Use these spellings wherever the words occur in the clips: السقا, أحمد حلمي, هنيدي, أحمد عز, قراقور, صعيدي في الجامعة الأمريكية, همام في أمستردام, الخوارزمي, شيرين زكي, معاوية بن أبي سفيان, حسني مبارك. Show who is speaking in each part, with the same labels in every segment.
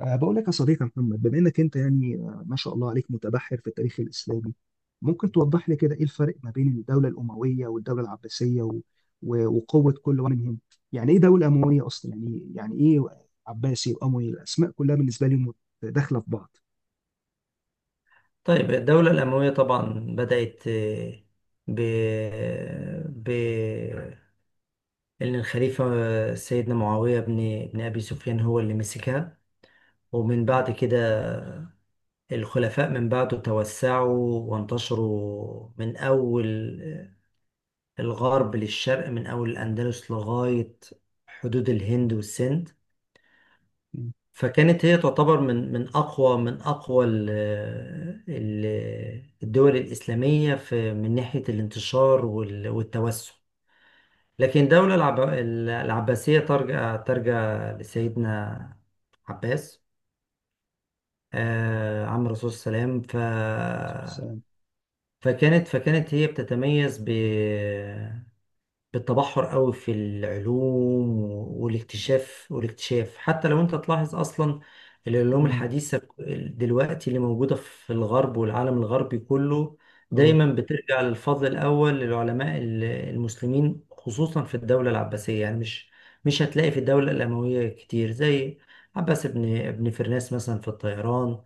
Speaker 1: بقول لك يا صديقي محمد، بما انك انت يعني ما شاء الله عليك، متبحر في التاريخ الاسلامي. ممكن توضح لي كده ايه الفرق ما بين الدوله الامويه والدوله العباسيه وقوه كل واحد منهم؟ يعني ايه دوله امويه اصلا؟ يعني ايه؟ عباسي واموي، الاسماء كلها بالنسبه لي داخله في بعض.
Speaker 2: طيب الدولة الأموية طبعا بدأت ب ب إن الخليفة سيدنا معاوية بن أبي سفيان هو اللي مسكها. ومن
Speaker 1: مم.
Speaker 2: بعد كده الخلفاء من بعده توسعوا وانتشروا من أول الغرب للشرق، من أول الأندلس لغاية حدود الهند والسند.
Speaker 1: مم.
Speaker 2: فكانت هي تعتبر من اقوى الدول الاسلاميه في من ناحيه الانتشار والتوسع. لكن الدوله العباسيه ترجع لسيدنا عباس، عم الرسول صلى الله عليه وسلم.
Speaker 1: السلام.
Speaker 2: فكانت هي بتتميز بالتبحر قوي في العلوم والاكتشاف. حتى لو انت تلاحظ اصلا، العلوم
Speaker 1: مم.
Speaker 2: الحديثة دلوقتي اللي موجودة في الغرب والعالم الغربي كله
Speaker 1: اه،
Speaker 2: دايما بترجع للفضل الأول للعلماء المسلمين، خصوصا في الدولة العباسية. يعني مش هتلاقي في الدولة الأموية كتير زي عباس ابن فرناس مثلا في الطيران.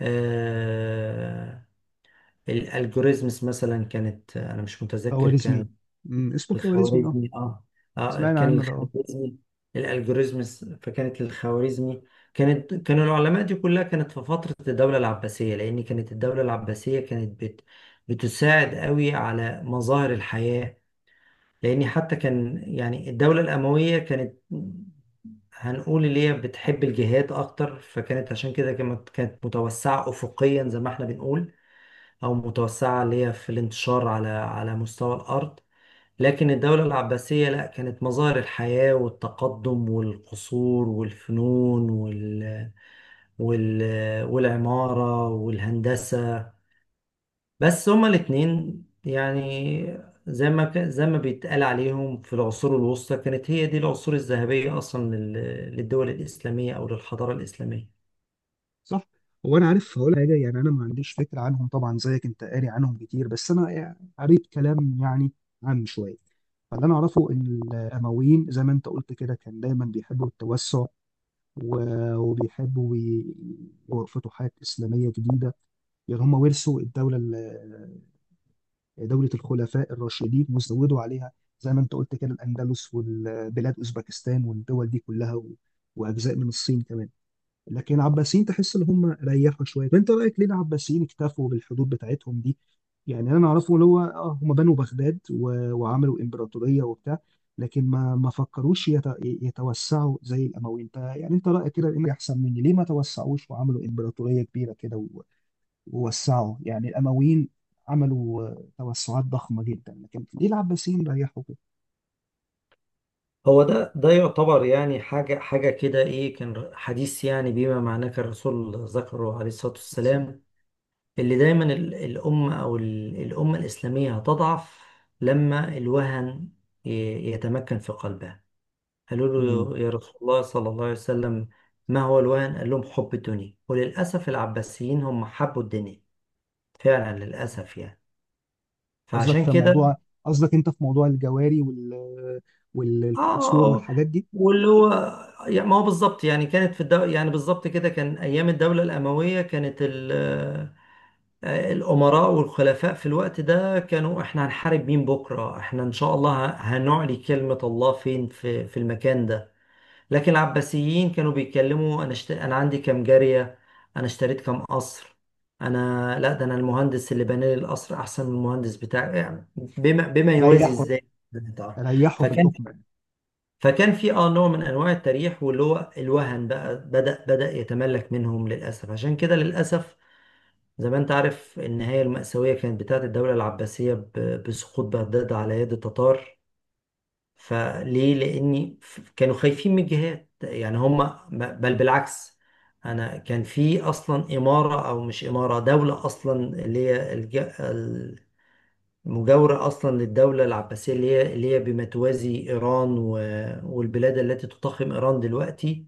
Speaker 2: آه الالجوريزمز مثلا، كانت أنا مش متذكر
Speaker 1: خوارزمي.
Speaker 2: كان
Speaker 1: اسمه الخوارزمي، اه.
Speaker 2: الخوارزمي. اه اه
Speaker 1: سمعنا
Speaker 2: كان
Speaker 1: عنه ده، اه.
Speaker 2: الخوارزمي الالجوريزمز، فكانت الخوارزمي. كانوا العلماء دي كلها كانت في فترة الدولة العباسية، لأن كانت الدولة العباسية كانت بتساعد قوي على مظاهر الحياة. لأن حتى كان، يعني الدولة الأموية كانت هنقول اللي هي بتحب الجهاد أكتر. فكانت عشان كده كانت متوسعة أفقيا زي ما احنا بنقول، أو متوسعة اللي هي في الانتشار على مستوى الأرض. لكن الدولة العباسية لا، كانت مظاهر الحياة والتقدم والقصور والفنون وال... والعمارة والهندسة. بس هما الاتنين يعني، زي ما زي ما بيتقال عليهم في العصور الوسطى، كانت هي دي العصور الذهبية أصلا للدول الإسلامية أو للحضارة الإسلامية.
Speaker 1: صح. هو انا عارف هقول حاجه، يعني انا ما عنديش فكره عنهم طبعا زيك، انت قاري عنهم كتير، بس انا يعني قريت كلام يعني عام شويه. فاللي انا اعرفه ان الامويين، زي ما انت قلت كده، كان دايما بيحبوا التوسع، وبيحبوا يرفضوا حاجات اسلاميه جديده. يعني هم ورثوا دوله الخلفاء الراشدين وزودوا عليها، زي ما انت قلت كده، الاندلس والبلاد اوزبكستان والدول دي كلها، واجزاء من الصين كمان. لكن العباسيين تحس ان هم ريحوا شويه. وانت رايك ليه العباسيين اكتفوا بالحدود بتاعتهم دي؟ يعني انا اعرفه اللي هو، هم بنوا بغداد وعملوا امبراطوريه وبتاع، لكن ما فكروش يتوسعوا زي الاموي. انت، يعني انت رايك كده انك احسن مني، ليه ما توسعوش وعملوا امبراطوريه كبيره كده ووسعوا؟ يعني الامويين عملوا توسعات ضخمه جدا، لكن ليه العباسيين ريحوا كده؟
Speaker 2: هو ده يعتبر يعني حاجة حاجة كده، إيه، كان حديث يعني بما معناه كان الرسول ذكره عليه الصلاة
Speaker 1: عليه الصلاة والسلام.
Speaker 2: والسلام، اللي دايما الأمة، أو الأمة الإسلامية هتضعف لما الوهن يتمكن في قلبها. قالوا له: يا رسول الله صلى الله عليه وسلم، ما هو الوهن؟ قال لهم: حب الدنيا. وللأسف العباسيين هم حبوا الدنيا فعلا
Speaker 1: مم.
Speaker 2: للأسف يعني.
Speaker 1: قصدك
Speaker 2: فعشان
Speaker 1: في
Speaker 2: كده
Speaker 1: موضوع، قصدك انت في موضوع الجواري والقصور
Speaker 2: آه
Speaker 1: والحاجات دي.
Speaker 2: واللي هو، يعني ما هو بالظبط، يعني كانت في يعني بالظبط كده كان أيام الدولة الأموية كانت الأمراء والخلفاء في الوقت ده كانوا: احنا هنحارب مين بكرة؟ احنا إن شاء الله هنعلي كلمة الله فين، في المكان ده. لكن العباسيين كانوا بيتكلموا: أنا أنا عندي كام جارية، أنا اشتريت كام قصر، أنا لا ده أنا المهندس اللي بنى لي القصر أحسن من المهندس بتاعي، يعني بما يوازي
Speaker 1: ريحوا
Speaker 2: إزاي.
Speaker 1: ريحوا في
Speaker 2: فكان
Speaker 1: الحكم يعني.
Speaker 2: فكان في نوع من انواع التريح، واللي هو الوهن بقى بدأ يتملك منهم للاسف. عشان كده للاسف، زي ما انت عارف، النهاية المأساوية كانت بتاعت الدولة العباسية بسقوط بغداد على يد التتار. فليه؟ لأن كانوا خايفين من جهات، يعني هم بل بالعكس. أنا كان في أصلا إمارة، أو مش إمارة، دولة أصلا، اللي هي المجاورة أصلا للدولة العباسية، اللي هي بما توازي إيران والبلاد التي تضخم إيران دلوقتي.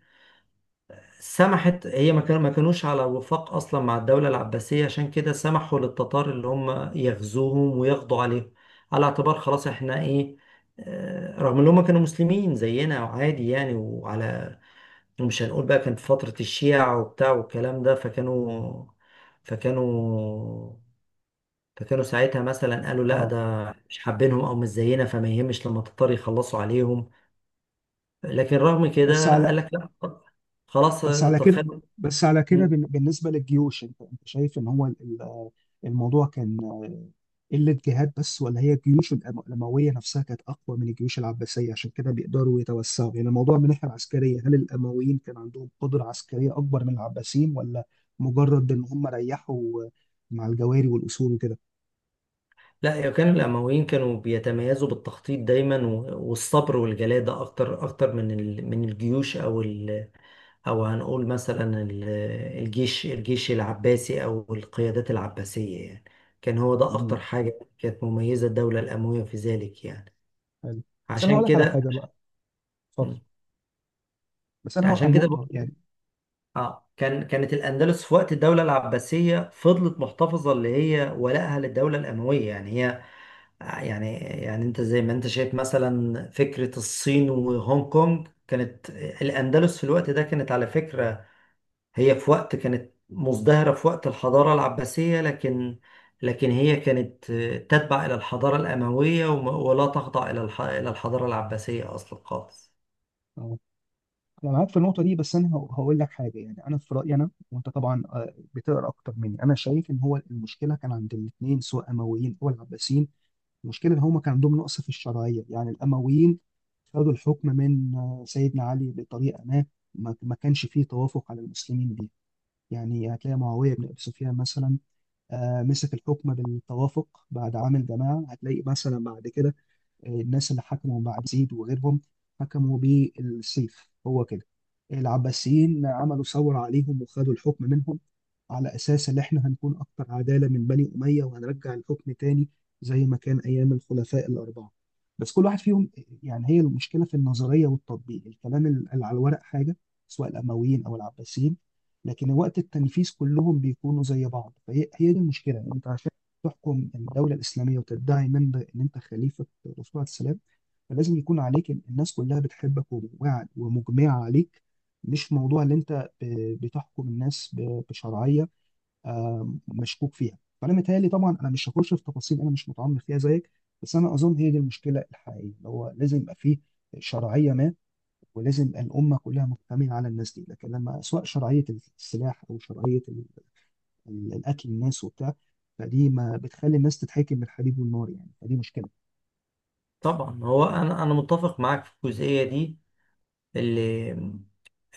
Speaker 2: سمحت، هي ما كانوش على وفاق اصلا مع الدوله العباسيه، عشان كده سمحوا للتتار اللي هم يغزوهم ويقضوا عليهم. على اعتبار خلاص احنا ايه، رغم ان هم كانوا مسلمين زينا وعادي يعني. ومش هنقول بقى كان في فتره الشيع وبتاع والكلام ده. فكانوا فكانوا ساعتها مثلا قالوا: لا،
Speaker 1: اه.
Speaker 2: ده مش حابينهم، او مش زينا، فما يهمش لما التتار يخلصوا عليهم. لكن رغم
Speaker 1: بس
Speaker 2: كده قال
Speaker 1: على
Speaker 2: لك: لا، خلاص،
Speaker 1: بس على كده،
Speaker 2: تخيل.
Speaker 1: بالنسبه للجيوش، انت شايف ان هو ال- الموضوع كان، قله جهاد بس، ولا هي الجيوش الامويه نفسها كانت اقوى من الجيوش العباسيه عشان كده بيقدروا يتوسعوا؟ يعني الموضوع من ناحيه عسكريه، هل الامويين كان عندهم قدره عسكريه اكبر من العباسيين، ولا مجرد ان هم ريحوا مع الجواري والاصول
Speaker 2: لا، هي كان الأمويين كانوا بيتميزوا بالتخطيط دايما والصبر والجلادة أكتر أكتر من من الجيوش، أو أو هنقول مثلا الجيش العباسي أو القيادات العباسية يعني. كان هو ده أكتر
Speaker 1: وكده؟
Speaker 2: حاجة كانت مميزة الدولة الأموية في ذلك يعني.
Speaker 1: حلو. بس انا هقول
Speaker 2: عشان
Speaker 1: لك على
Speaker 2: كده
Speaker 1: حاجه بقى. اتفضل.
Speaker 2: مم.
Speaker 1: بس انا هقول على
Speaker 2: عشان كده
Speaker 1: النقطه يعني.
Speaker 2: اه كانت الأندلس في وقت الدولة العباسية فضلت محتفظة اللي هي ولائها للدولة الأموية. يعني هي، يعني انت زي ما انت شايف مثلا فكرة الصين وهونج كونج، كانت الأندلس في الوقت ده كانت على فكرة، هي في وقت كانت مزدهرة في وقت الحضارة العباسية. لكن هي كانت تتبع إلى الحضارة الأموية، ولا تخضع إلى إلى الحضارة العباسية أصلا خالص.
Speaker 1: أهو. انا معاك في النقطه دي، بس انا هقول لك حاجه، يعني انا في رايي، انا وانت طبعا بتقرا اكتر مني، انا شايف ان هو المشكله كان عند الاثنين، سواء امويين او العباسيين. المشكله ان هم كان عندهم نقص في الشرعيه. يعني الامويين خدوا الحكم من، سيدنا علي بطريقه ما، ما كانش فيه توافق على المسلمين بيها. يعني هتلاقي معاويه بن ابي سفيان مثلا، مسك الحكم بالتوافق بعد عام الجماعه. هتلاقي مثلا بعد كده الناس اللي حكموا مع يزيد وغيرهم، حكموا بالسيف، هو كده. العباسيين عملوا ثورة عليهم وخدوا الحكم منهم، على أساس إن إحنا هنكون أكتر عدالة من بني أمية، وهنرجع الحكم تاني زي ما كان أيام الخلفاء الأربعة. بس كل واحد فيهم، يعني هي المشكلة في النظرية والتطبيق، الكلام اللي على الورق حاجة، سواء الأمويين أو العباسيين، لكن وقت التنفيذ كلهم بيكونوا زي بعض. فهي هي دي المشكلة. يعني أنت عشان تحكم الدولة الإسلامية وتدعي من ده إن أنت خليفة الرسول عليه السلام، فلازم يكون عليك إن الناس كلها بتحبك ومجمعة عليك، مش موضوع اللي أنت بتحكم الناس بشرعية مشكوك فيها. فأنا متهيألي، طبعا أنا مش هخش في تفاصيل، أنا مش متعمق فيها زيك، بس أنا أظن هي دي المشكلة الحقيقية. اللي هو لازم يبقى فيه شرعية ما، ولازم الأمة كلها مجتمعة على الناس دي، لكن لما سواء شرعية السلاح أو شرعية الاكل الناس وبتاع، فدي ما بتخلي الناس تتحكم بالحليب والنار، يعني فدي مشكله.
Speaker 2: طبعا هو أنا متفق معاك في الجزئية دي، اللي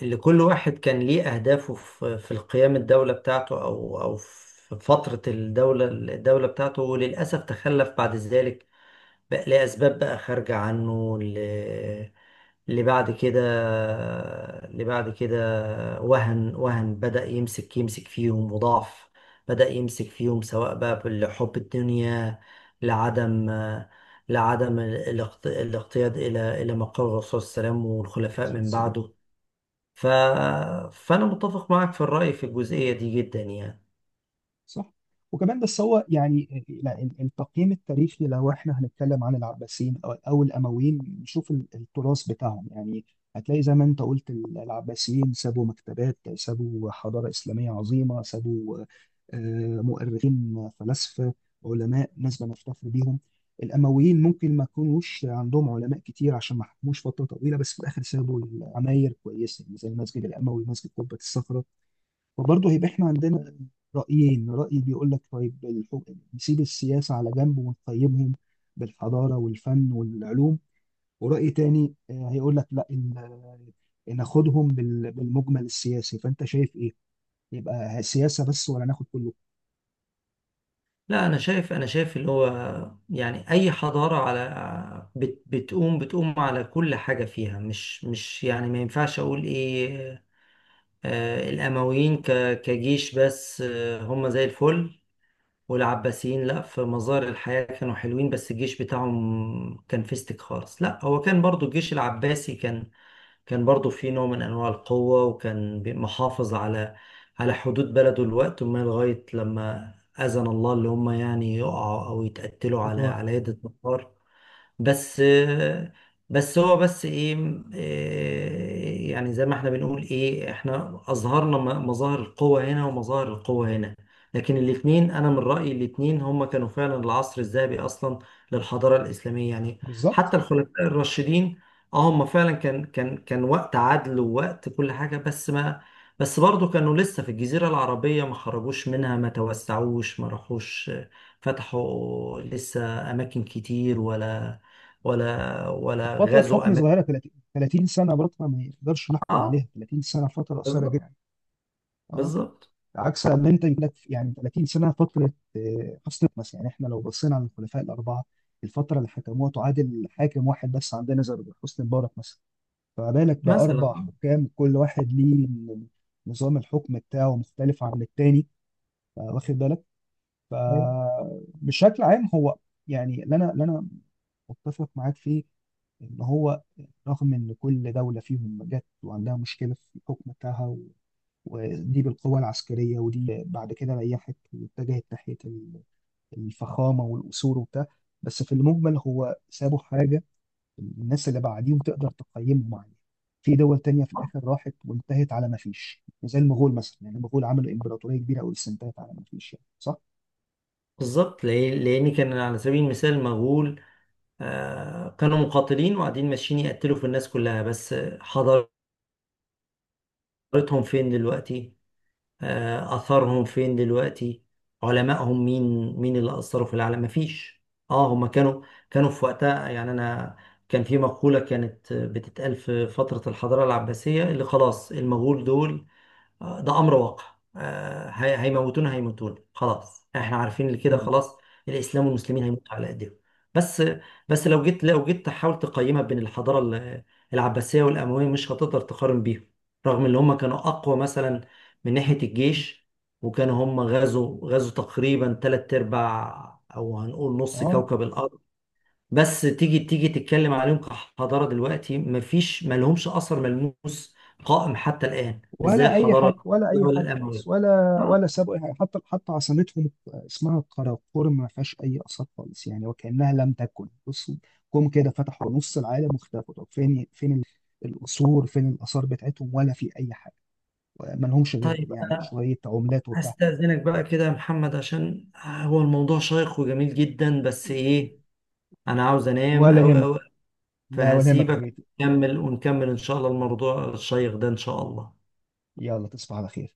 Speaker 2: اللي كل واحد كان ليه أهدافه في القيام الدولة بتاعته أو في فترة الدولة بتاعته، وللأسف تخلف بعد ذلك بقى لأسباب بقى خارجة عنه، اللي بعد كده اللي بعد كده وهن بدأ يمسك فيهم، وضعف بدأ يمسك فيهم، سواء بقى لحب الدنيا، لعدم لعدم الاقتياد إلى مقام الرسول صلى الله عليه وسلم
Speaker 1: نسأل
Speaker 2: والخلفاء
Speaker 1: الله
Speaker 2: من
Speaker 1: السلامة.
Speaker 2: بعده. ف... فأنا متفق معك في الرأي في الجزئية دي جدا يعني.
Speaker 1: صح. وكمان، بس هو يعني، لا، التقييم التاريخي، لو احنا هنتكلم عن العباسيين أو الامويين نشوف التراث بتاعهم يعني، هتلاقي زي ما انت قلت، العباسيين سابوا مكتبات، سابوا حضارة إسلامية عظيمة، سابوا مؤرخين، فلاسفة، علماء، ناس بنفتخر بيهم. الأمويين ممكن ما يكونوش عندهم علماء كتير عشان ما حكموش فترة طويلة، بس في الآخر سابوا عماير كويسة، يعني زي المسجد الأموي، مسجد قبة الصخرة. وبرضه هيبقى احنا عندنا رأيين، رأي بيقول لك طيب، نسيب السياسة على جنب ونقيمهم بالحضارة والفن والعلوم، ورأي تاني هيقول لك لا، ناخدهم بالمجمل السياسي. فأنت شايف إيه؟ يبقى سياسة بس، ولا ناخد كله؟
Speaker 2: لا، أنا شايف اللي هو، يعني أي حضارة على بتقوم على كل حاجة فيها، مش يعني ما ينفعش أقول إيه، الأمويين كجيش بس، هم زي الفل، والعباسيين لا، في مظاهر الحياة كانوا حلوين بس الجيش بتاعهم كان فيستك خالص. لا، هو كان برضو الجيش العباسي كان برضو في نوع من أنواع القوة، وكان محافظ على على حدود بلده الوقت، وما لغاية لما أذن الله اللي هم يعني يقعوا أو يتقتلوا على
Speaker 1: قطار.
Speaker 2: على يد النصارى. بس بس هو بس ايه، يعني زي ما احنا بنقول، ايه، احنا اظهرنا مظاهر القوة هنا ومظاهر القوة هنا. لكن الاتنين، انا من رأيي الاتنين هم كانوا فعلا العصر الذهبي اصلا للحضارة الاسلامية يعني.
Speaker 1: بالظبط.
Speaker 2: حتى الخلفاء الراشدين، اه هم فعلا كان وقت عدل ووقت كل حاجة، بس ما بس برضه كانوا لسه في الجزيرة العربية، ما خرجوش منها، ما توسعوش، ما راحوش، فتحوا لسه أماكن كتير، ولا
Speaker 1: وفترة
Speaker 2: غزوا
Speaker 1: حكم
Speaker 2: اماكن.
Speaker 1: صغيرة، 30 سنة، برضه ما يقدرش نحكم
Speaker 2: اه
Speaker 1: عليها، 30 سنة فترة قصيرة
Speaker 2: بالظبط
Speaker 1: جدا. اه.
Speaker 2: بالظبط
Speaker 1: عكس ان انت يجيلك يعني 30 سنه فتره حسن نفس. يعني احنا لو بصينا على الخلفاء الاربعه، الفتره اللي حكموها تعادل حاكم واحد بس عندنا، زي حسني مبارك مثلا. فما بالك
Speaker 2: مثلا.
Speaker 1: باربع
Speaker 2: اه
Speaker 1: حكام، كل واحد ليه نظام الحكم بتاعه مختلف عن التاني، واخد بالك.
Speaker 2: أيوة.
Speaker 1: فبشكل عام هو، يعني اللي انا متفق معاك فيه ان هو، رغم ان كل دوله فيهم جت وعندها مشكله في الحكم بتاعها، ودي بالقوة العسكرية، ودي بعد كده ريحت واتجهت ناحية الفخامة والقصور وبتاع، بس في المجمل هو سابوا حاجة الناس اللي بعديهم تقدر تقيمهم عليها. في دول تانية في الآخر راحت وانتهت على ما فيش، زي المغول مثلا. يعني المغول عملوا إمبراطورية كبيرة أوي بس انتهت على ما فيش، يعني صح؟
Speaker 2: بالظبط، لأن كان على سبيل المثال المغول كانوا مقاتلين وقاعدين ماشيين يقتلوا في الناس كلها بس. حضارتهم فين دلوقتي؟ أثرهم فين دلوقتي؟ علمائهم مين؟ مين اللي أثروا في العالم؟ مفيش. اه هما كانوا في وقتها يعني، أنا كان في مقولة كانت بتتقال في فترة الحضارة العباسية: اللي خلاص المغول دول، ده امر واقع، هيموتونا خلاص، احنا عارفين اللي كده
Speaker 1: مم.
Speaker 2: خلاص. الاسلام والمسلمين هيموتوا على ايديهم. بس بس لو جيت تحاول تقيمها بين الحضاره العباسيه والامويه، مش هتقدر تقارن بيهم، رغم ان هم كانوا اقوى مثلا من ناحيه الجيش، وكانوا هم غزوا تقريبا تلات ارباع، او هنقول نص
Speaker 1: اه.
Speaker 2: كوكب الارض. بس تيجي تتكلم عليهم كحضاره دلوقتي مفيش، ما لهمش اثر ملموس قائم حتى الان، مش زي
Speaker 1: ولا اي
Speaker 2: الحضاره
Speaker 1: حاجه، ولا
Speaker 2: القبطيه
Speaker 1: اي
Speaker 2: ولا
Speaker 1: حاجه
Speaker 2: الامويه.
Speaker 1: خالص، ولا
Speaker 2: آه.
Speaker 1: ولا سابوا اي حاجه. حتى عاصمتهم اسمها قراقور، ما فيهاش اي اثار خالص، يعني وكانها لم تكن. بصوا جم كده، فتحوا نص العالم واختفوا. طب فين القصور، فين الاثار بتاعتهم، ولا في اي حاجه؟ ما لهمش غير
Speaker 2: طيب
Speaker 1: يعني
Speaker 2: انا
Speaker 1: شويه عملات وبتاع.
Speaker 2: هستاذنك بقى كده يا محمد، عشان هو الموضوع شيق وجميل جدا بس ايه، انا عاوز انام
Speaker 1: ولا
Speaker 2: او
Speaker 1: يهمك.
Speaker 2: او
Speaker 1: لا، ولا يهمك يا
Speaker 2: فهسيبك
Speaker 1: حبيبي.
Speaker 2: ونكمل ان شاء الله الموضوع الشيق ده ان شاء الله.
Speaker 1: يلا، تصبح على خير.